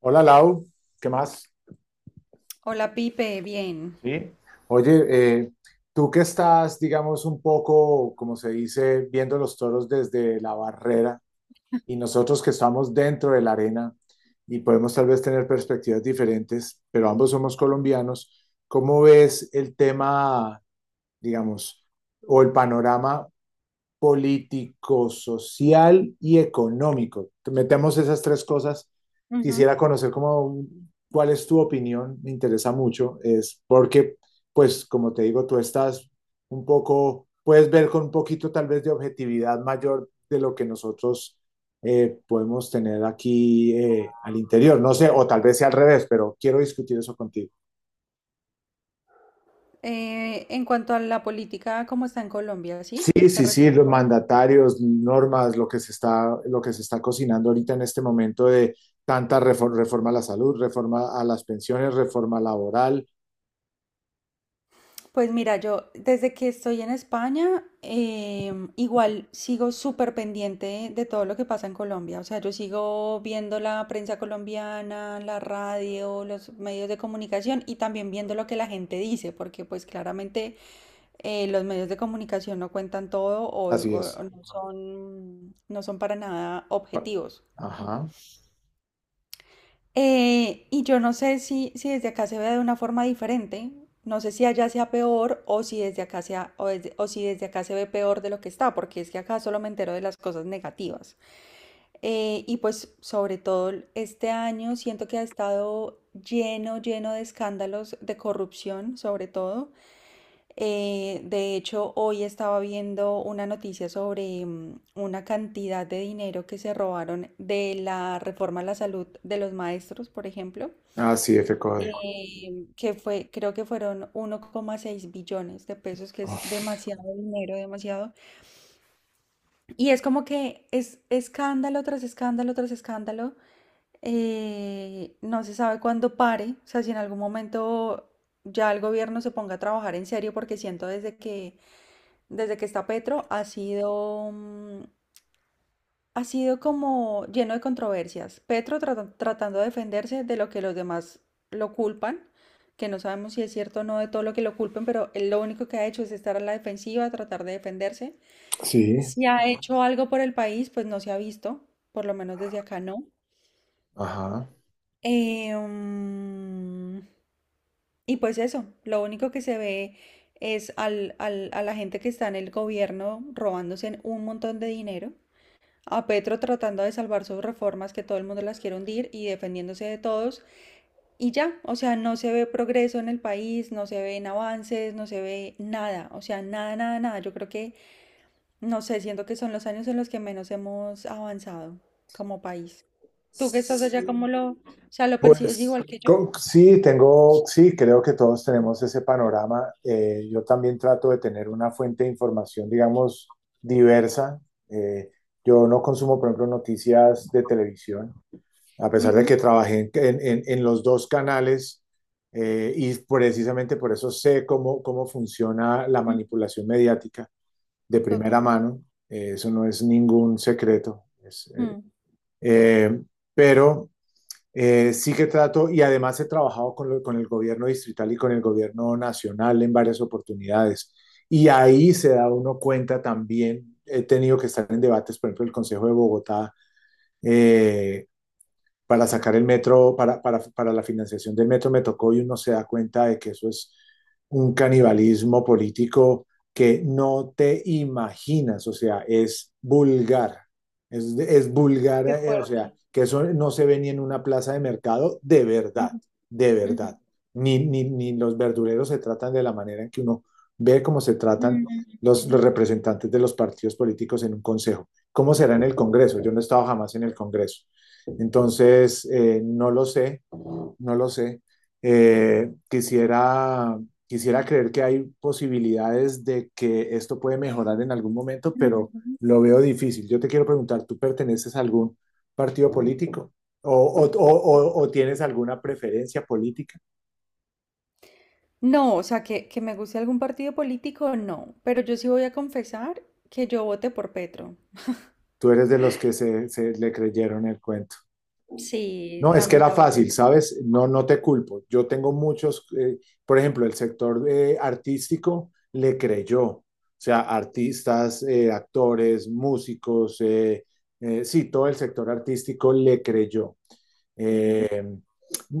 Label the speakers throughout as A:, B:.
A: Hola Lau, ¿qué más?
B: Hola Pipe, bien.
A: Sí. Oye, tú que estás, digamos, un poco, como se dice, viendo los toros desde la barrera y nosotros que estamos dentro de la arena y podemos tal vez tener perspectivas diferentes, pero ambos somos colombianos. ¿Cómo ves el tema, digamos, o el panorama político, social y económico? Metemos esas tres cosas.
B: Ujú.
A: Quisiera conocer cómo, cuál es tu opinión, me interesa mucho, es porque, pues, como te digo, tú estás un poco, puedes ver con un poquito tal vez de objetividad mayor de lo que nosotros podemos tener aquí al interior. No sé, o tal vez sea al revés, pero quiero discutir eso contigo.
B: En cuanto a la política, ¿cómo está en Colombia? ¿Sí?
A: Sí,
B: ¿Te
A: sí,
B: refieres?
A: sí, los mandatarios, normas, lo que se está cocinando ahorita en este momento de tanta reforma a la salud, reforma a las pensiones, reforma laboral,
B: Pues mira, yo desde que estoy en España, igual sigo súper pendiente de todo lo que pasa en Colombia. O sea, yo sigo viendo la prensa colombiana, la radio, los medios de comunicación y también viendo lo que la gente dice, porque pues claramente los medios de comunicación no cuentan todo
A: así es.
B: o no son, no son para nada objetivos.
A: Ajá.
B: Y yo no sé si, si desde acá se vea de una forma diferente, no sé si allá sea peor o si desde acá sea, o si desde acá se ve peor de lo que está, porque es que acá solo me entero de las cosas negativas. Y pues sobre todo este año siento que ha estado lleno, lleno de escándalos de corrupción, sobre todo. De hecho, hoy estaba viendo una noticia sobre una cantidad de dinero que se robaron de la reforma a la salud de los maestros, por ejemplo
A: Ah, sí, FCODE.
B: que fue, creo que fueron 1,6 billones de pesos, que es demasiado dinero, demasiado. Y es como que es escándalo tras escándalo tras escándalo. No se sabe cuándo pare, o sea, si en algún momento ya el gobierno se ponga a trabajar en serio, porque siento desde que está Petro ha sido, ha sido como lleno de controversias. Tratando de defenderse de lo que los demás lo culpan, que no sabemos si es cierto o no de todo lo que lo culpen, pero él lo único que ha hecho es estar a la defensiva, tratar de defenderse.
A: Sí,
B: Si ha hecho algo por el país, pues no se ha visto, por lo menos desde acá no.
A: ajá.
B: Eh, mm, y pues eso, lo único que se ve es a la gente que está en el gobierno robándose un montón de dinero. A Petro tratando de salvar sus reformas que todo el mundo las quiere hundir y defendiéndose de todos y ya, o sea, no se ve progreso en el país, no se ven avances, no se ve nada, o sea, nada, nada, nada. Yo creo que, no sé, siento que son los años en los que menos hemos avanzado como país. Tú que estás allá, ¿cómo
A: Sí.
B: lo, o sea, lo percibes
A: Pues
B: igual que yo?
A: co- sí, sí, creo que todos tenemos ese panorama. Yo también trato de tener una fuente de información, digamos, diversa. Eh, yo no consumo, por ejemplo, noticias de televisión, a pesar de
B: Ujú,
A: que trabajé en los dos canales, y precisamente por eso sé cómo funciona la
B: mm,
A: manipulación mediática de primera
B: total,
A: mano. Eso no es ningún secreto,
B: mm,
A: eh, pero sí que trato, y además he trabajado con el gobierno distrital y con el gobierno nacional en varias oportunidades, y ahí se da uno cuenta también. He tenido que estar en debates, por ejemplo, el Consejo de Bogotá. Eh, para sacar el metro, para la financiación del metro me tocó, y uno se da cuenta de que eso es un canibalismo político que no te imaginas. O sea, es vulgar, es vulgar,
B: qué
A: o sea,
B: fuerte.
A: que eso no se ve ni en una plaza de mercado, de verdad,
B: Ujú,
A: de
B: ujú,
A: verdad. Ni los verduleros se tratan de la manera en que uno ve cómo se tratan
B: ujú,
A: los representantes de los partidos políticos en un consejo. ¿Cómo será en el Congreso? Yo no he estado jamás en el Congreso. Entonces, no lo sé, no lo sé. Eh, quisiera, quisiera creer que hay posibilidades de que esto puede mejorar en algún momento,
B: ujú,
A: pero
B: ujú.
A: lo veo difícil. Yo te quiero preguntar, ¿tú perteneces a algún partido político? ¿O o tienes alguna preferencia política?
B: No, o sea, que me guste algún partido político, no. Pero yo sí voy a confesar que yo voté por Petro.
A: ¿Tú eres de los que se le creyeron el cuento?
B: Sí,
A: No, es que era
B: lamentable.
A: fácil, ¿sabes? No, no te culpo. Yo tengo muchos, por ejemplo, el sector artístico le creyó, o sea, artistas, actores, músicos, sí, todo el sector artístico le creyó.
B: Ujú.
A: Eh,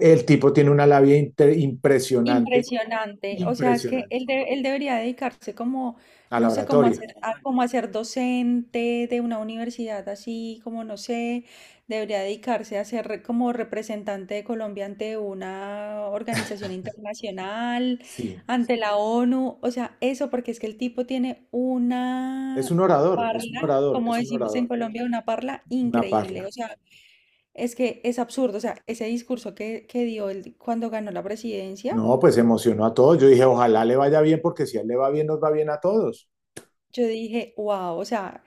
A: el tipo tiene una labia impresionante,
B: Impresionante. O sea, es que
A: impresionante,
B: él, él debería dedicarse como,
A: a la
B: no sé, como a
A: oratoria,
B: ser, como a ser docente de una universidad así, como no sé, debería dedicarse como representante de Colombia ante una organización internacional,
A: sí.
B: ante la ONU. O sea, eso porque es que el tipo tiene
A: Es un
B: una
A: orador, es un
B: parla,
A: orador,
B: como
A: es un
B: decimos en
A: orador,
B: Colombia, una parla
A: una
B: increíble.
A: parla.
B: O sea, es que es absurdo. O sea, ese discurso que dio él cuando ganó la presidencia.
A: No, pues emocionó a todos. Yo dije, ojalá le vaya bien, porque si a él le va bien, nos va bien a todos.
B: Yo dije, wow, o sea,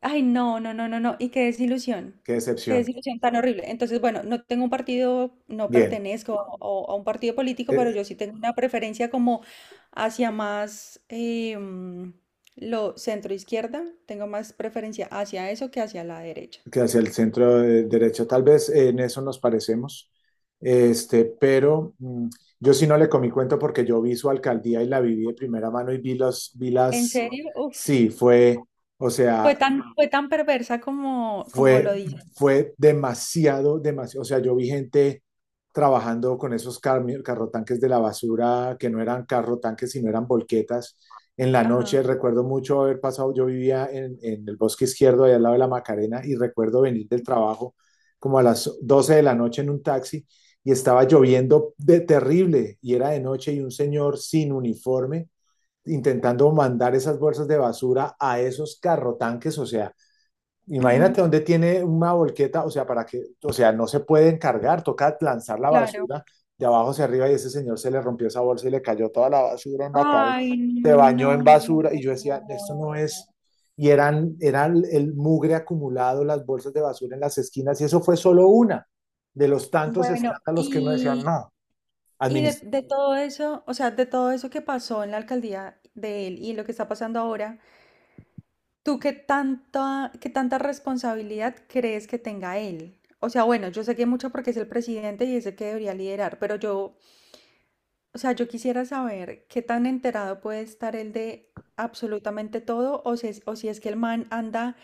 B: ay, no, no, no, no, no, y
A: Qué
B: qué
A: decepción.
B: desilusión tan horrible. Entonces, bueno, no tengo un partido, no
A: Bien,
B: pertenezco a, a un partido político, pero
A: eh,
B: yo sí tengo una preferencia como hacia más lo centro izquierda, tengo más preferencia hacia eso que hacia la derecha.
A: que hacia el centro de derecho. Tal vez en eso nos parecemos, este, pero yo sí no le comí cuento porque yo vi su alcaldía y la viví de primera mano, y vi, vi
B: ¿En
A: las,
B: serio? Uf,
A: sí, o sea,
B: fue tan perversa como, como lo
A: fue,
B: dicen.
A: fue demasiado, demasiado. O sea, yo vi gente trabajando con esos carrotanques de la basura, que no eran carrotanques, sino eran volquetas. En la noche
B: Ajá,
A: recuerdo mucho haber pasado, yo vivía en el bosque izquierdo, allá al lado de la Macarena, y recuerdo venir del trabajo como a las 12 de la noche en un taxi, y estaba lloviendo de terrible y era de noche, y un señor sin uniforme intentando mandar esas bolsas de basura a esos carrotanques. O sea,
B: ujú,
A: imagínate, dónde tiene una volqueta, o sea, para que, o sea, no se pueden cargar, toca lanzar la
B: claro.
A: basura de abajo hacia arriba, y ese señor se le rompió esa bolsa y le cayó toda la basura en la cabeza.
B: Ay,
A: Se bañó
B: no.
A: en basura y yo decía, esto no es. Y eran, eran el mugre acumulado, las bolsas de basura en las esquinas, y eso fue solo una de los tantos
B: Bueno,
A: escándalos que uno decía,
B: y,
A: no,
B: Y
A: administración.
B: de todo eso, o sea, de todo eso que pasó en la alcaldía de él y lo que está pasando ahora, ¿tú qué tanta responsabilidad crees que tenga él? O sea, bueno, yo sé que mucho porque es el presidente y es el que debería liderar, pero yo, o sea, yo quisiera saber qué tan enterado puede estar él de absolutamente todo o si es que el man anda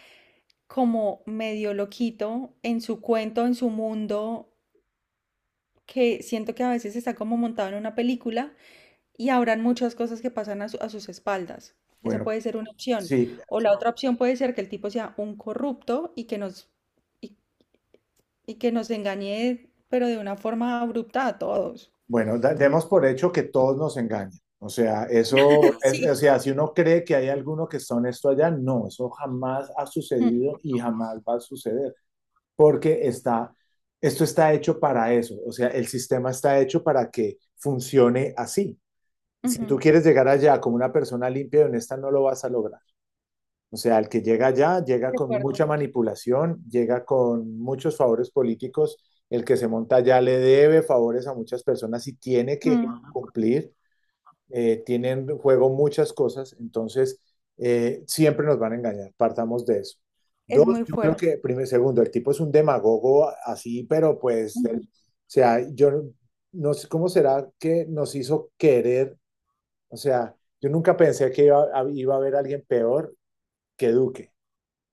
B: como medio loquito en su cuento, en su mundo, que siento que a veces está como montado en una película. Y habrán muchas cosas que pasan a, a sus espaldas. Esa
A: Bueno,
B: puede ser una opción.
A: sí.
B: O la otra opción puede ser que el tipo sea un corrupto y, y que nos engañe, pero de una forma abrupta a todos.
A: Bueno, demos por hecho que todos nos engañan. O sea, eso
B: Sí.
A: es, o sea, si uno cree que hay alguno que está honesto allá, no, eso jamás ha
B: Mm,
A: sucedido y jamás va a suceder, porque está, esto está hecho para eso. O sea, el sistema está hecho para que funcione así. Si
B: ujú,
A: tú quieres llegar allá como una persona limpia y honesta, no lo vas a lograr. O sea, el que llega allá llega
B: de
A: con mucha
B: acuerdo.
A: manipulación, llega con muchos favores políticos, el que se monta allá le debe favores a muchas personas y tiene que
B: Mm,
A: cumplir. Tienen en juego muchas cosas, entonces siempre nos van a engañar, partamos de eso.
B: es
A: Dos,
B: muy
A: yo creo
B: fuerte.
A: que, primero, segundo, el tipo es un demagogo así, pero pues, o sea, yo no sé cómo será que nos hizo querer. O sea, yo nunca pensé que iba a haber alguien peor que Duque.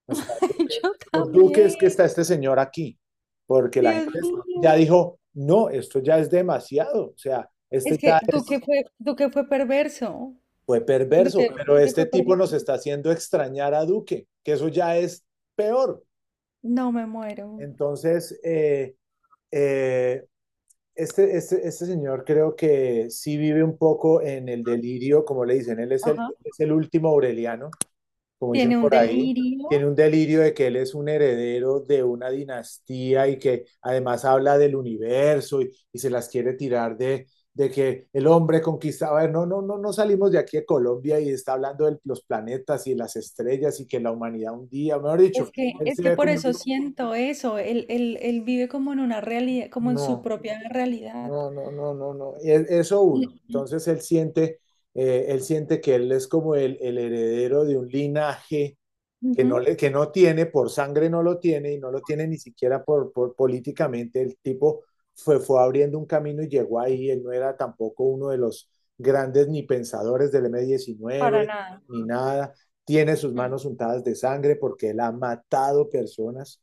A: O sea,
B: Yo
A: Por Duque es que
B: también.
A: está este señor aquí, porque la
B: Dios
A: gente ya
B: mío.
A: dijo, no, esto ya es demasiado, o sea,
B: Es
A: este
B: que
A: ya es,
B: Duque fue perverso.
A: fue
B: Duque,
A: perverso, pero
B: Duque fue
A: este tipo
B: perverso.
A: nos está haciendo extrañar a Duque, que eso ya es peor.
B: No me muero.
A: Entonces, eh, este, este señor creo que sí vive un poco en el delirio, como le dicen, él
B: Ajá.
A: es el último Aureliano, como dicen
B: Tiene un
A: por ahí,
B: delirio.
A: tiene un delirio de que él es un heredero de una dinastía y que además habla del universo, y se las quiere tirar de que el hombre conquistaba. A ver, no, no, no, no salimos de aquí de Colombia y está hablando de los planetas y las estrellas y que la humanidad un día, mejor
B: Es
A: dicho,
B: que,
A: él
B: es
A: se
B: que
A: ve
B: por
A: como,
B: eso siento eso, él vive como en una realidad, como en su
A: no,
B: propia realidad.
A: no, no, no, no, no, eso
B: Mm,
A: uno.
B: mm,
A: Entonces él siente que él es como el heredero de un linaje que no,
B: ujú,
A: le, que no tiene, por sangre no lo tiene y no lo tiene ni siquiera por políticamente. El tipo fue, fue abriendo un camino y llegó ahí. Él no era tampoco uno de los grandes ni pensadores del m
B: para
A: 19
B: nada.
A: ni nada. Tiene sus
B: Mm,
A: manos untadas de sangre porque él ha matado personas.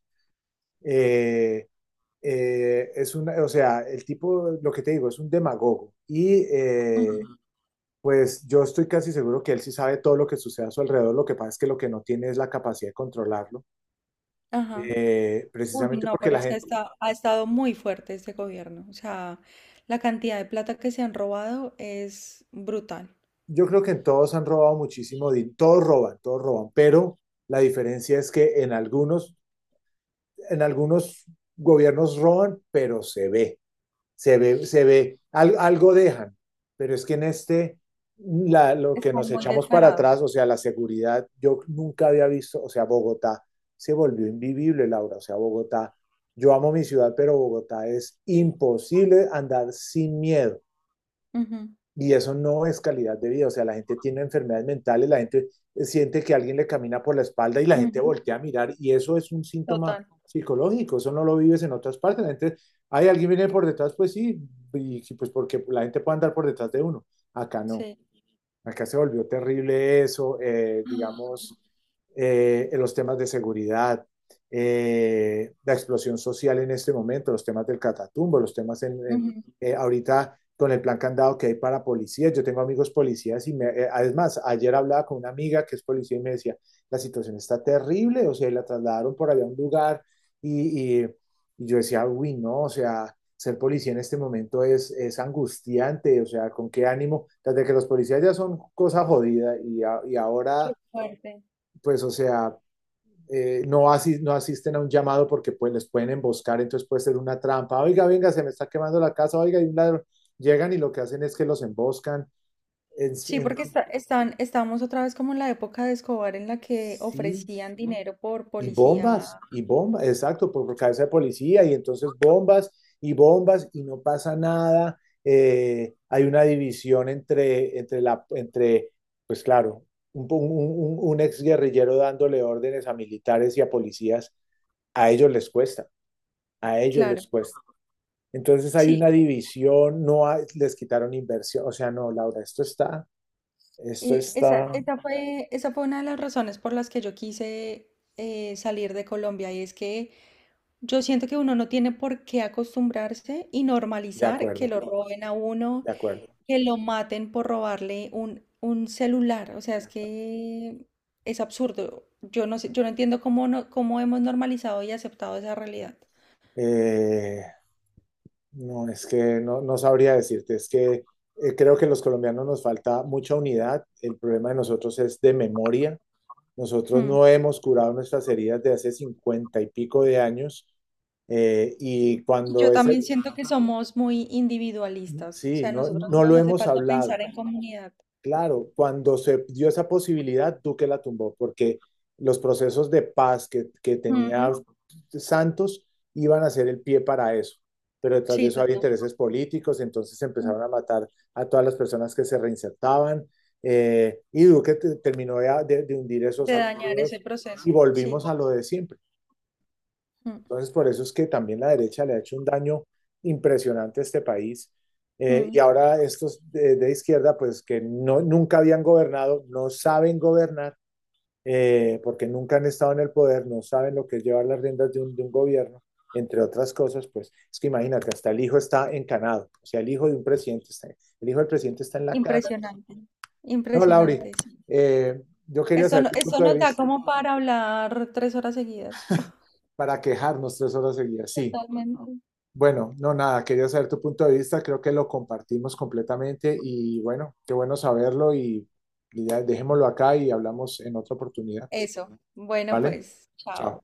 A: Eh, es una, o sea, el tipo, lo que te digo, es un demagogo. Y
B: ujú,
A: pues yo estoy casi seguro que él sí sabe todo lo que sucede a su alrededor. Lo que pasa es que lo que no tiene es la capacidad de controlarlo,
B: ajá. Uy,
A: precisamente
B: no,
A: porque
B: pero
A: la
B: es que
A: gente,
B: ha estado muy fuerte este gobierno. O sea, la cantidad de plata que se han robado es brutal.
A: yo creo que en todos han robado muchísimo, todos roban, pero la diferencia es que en algunos gobiernos roban, pero se ve, se ve, se ve, algo dejan, pero es que en este, lo que nos
B: Están muy
A: echamos para
B: descarados.
A: atrás, o sea, la seguridad, yo nunca había visto, o sea, Bogotá se volvió invivible, Laura, o sea, Bogotá, yo amo mi ciudad, pero Bogotá es imposible andar sin miedo.
B: Ujú,
A: Y eso no es calidad de vida. O sea, la gente tiene enfermedades mentales, la gente siente que alguien le camina por la espalda y la gente
B: ujú,
A: voltea a mirar, y eso es un síntoma
B: total,
A: psicológico, eso no lo vives en otras partes. La gente, hay alguien viene por detrás, pues sí, y pues porque la gente puede andar por detrás de uno. Acá no.
B: sí.
A: Acá se volvió terrible eso, digamos, en los temas de seguridad, la explosión social en este momento, los temas del catatumbo, los temas
B: Ujú,
A: ahorita con el plan candado que hay para policías. Yo tengo amigos policías y me, además, ayer hablaba con una amiga que es policía y me decía, la situación está terrible, o sea, y la trasladaron por allá a un lugar y, y- y yo decía, uy, no, o sea, ser policía en este momento es angustiante, o sea, con qué ánimo, desde que los policías ya son cosa jodida y, y
B: qué
A: ahora,
B: fuerte.
A: pues, o sea, no, no asisten a un llamado porque pues les pueden emboscar, entonces puede ser una trampa, oiga, venga, se me está quemando la casa, oiga, hay un ladrón, llegan y lo que hacen es que los emboscan. En-
B: Sí,
A: en-
B: porque está, están, estábamos otra vez como en la época de Escobar en la que
A: sí,
B: ofrecían dinero por
A: y bombas,
B: policía.
A: y bombas, exacto, por cabeza de policía, y entonces bombas y bombas, y no pasa nada. Hay una división entre, pues claro, un ex guerrillero dándole órdenes a militares y a policías, a ellos les cuesta, a ellos les
B: Claro,
A: cuesta. Entonces hay
B: sí.
A: una división, no hay- les quitaron inversión. O sea, no, Laura, esto
B: Y esa,
A: está,
B: esa fue una de las razones por las que yo quise salir de Colombia. Y es que yo siento que uno no tiene por qué acostumbrarse y
A: de
B: normalizar que
A: acuerdo,
B: lo roben a uno,
A: de acuerdo,
B: que lo maten por robarle un celular. O sea,
A: de
B: es
A: acuerdo.
B: que es absurdo. Yo no sé, yo no entiendo cómo, no, cómo hemos normalizado y aceptado esa realidad.
A: Eh, No, es que no, no sabría decirte, es que creo que los colombianos nos falta mucha unidad, el problema de nosotros es de memoria, nosotros
B: Hmm.
A: no hemos curado nuestras heridas de hace 50 y pico de años, y cuando
B: Yo
A: ese,
B: también siento que somos muy individualistas, o
A: sí,
B: sea, a
A: no,
B: nosotros
A: no lo
B: nos hace
A: hemos
B: falta
A: hablado.
B: pensar en comunidad.
A: Claro, cuando se dio esa posibilidad, Duque la tumbó, porque los procesos de paz que tenía
B: Ujú,
A: Santos iban a ser el pie para eso. Pero detrás de
B: sí,
A: eso había
B: total.
A: intereses políticos, entonces
B: Mm,
A: empezaron a matar a todas las personas que se reinsertaban. Y Duque terminó de, de hundir esos
B: de dañar ese
A: acuerdos,
B: proceso.
A: y
B: Sí,
A: volvimos a lo
B: total.
A: de siempre.
B: Mm,
A: Entonces, por eso es que también la derecha le ha hecho un daño impresionante a este país. Y
B: mm,
A: ahora estos izquierda, pues que no, nunca habían gobernado, no saben gobernar, porque nunca han estado en el poder, no saben lo que es llevar las riendas de de un gobierno. Entre otras cosas, pues es que imagínate, hasta el hijo está encanado, o sea, el hijo de un presidente está, el hijo del presidente está en la cana.
B: impresionante.
A: No, Lauri,
B: Impresionante, sí.
A: eh, yo quería
B: Esto,
A: saber tu
B: esto
A: punto de
B: nos da
A: vista
B: como para hablar 3 horas seguidas.
A: para quejarnos 3 horas seguidas. Sí,
B: Totalmente.
A: bueno, no, nada, quería saber tu punto de vista, creo que lo compartimos completamente y bueno, qué bueno saberlo, y ya dejémoslo acá y hablamos en otra oportunidad,
B: Eso. Bueno,
A: ¿vale?
B: pues, chao.
A: Chao.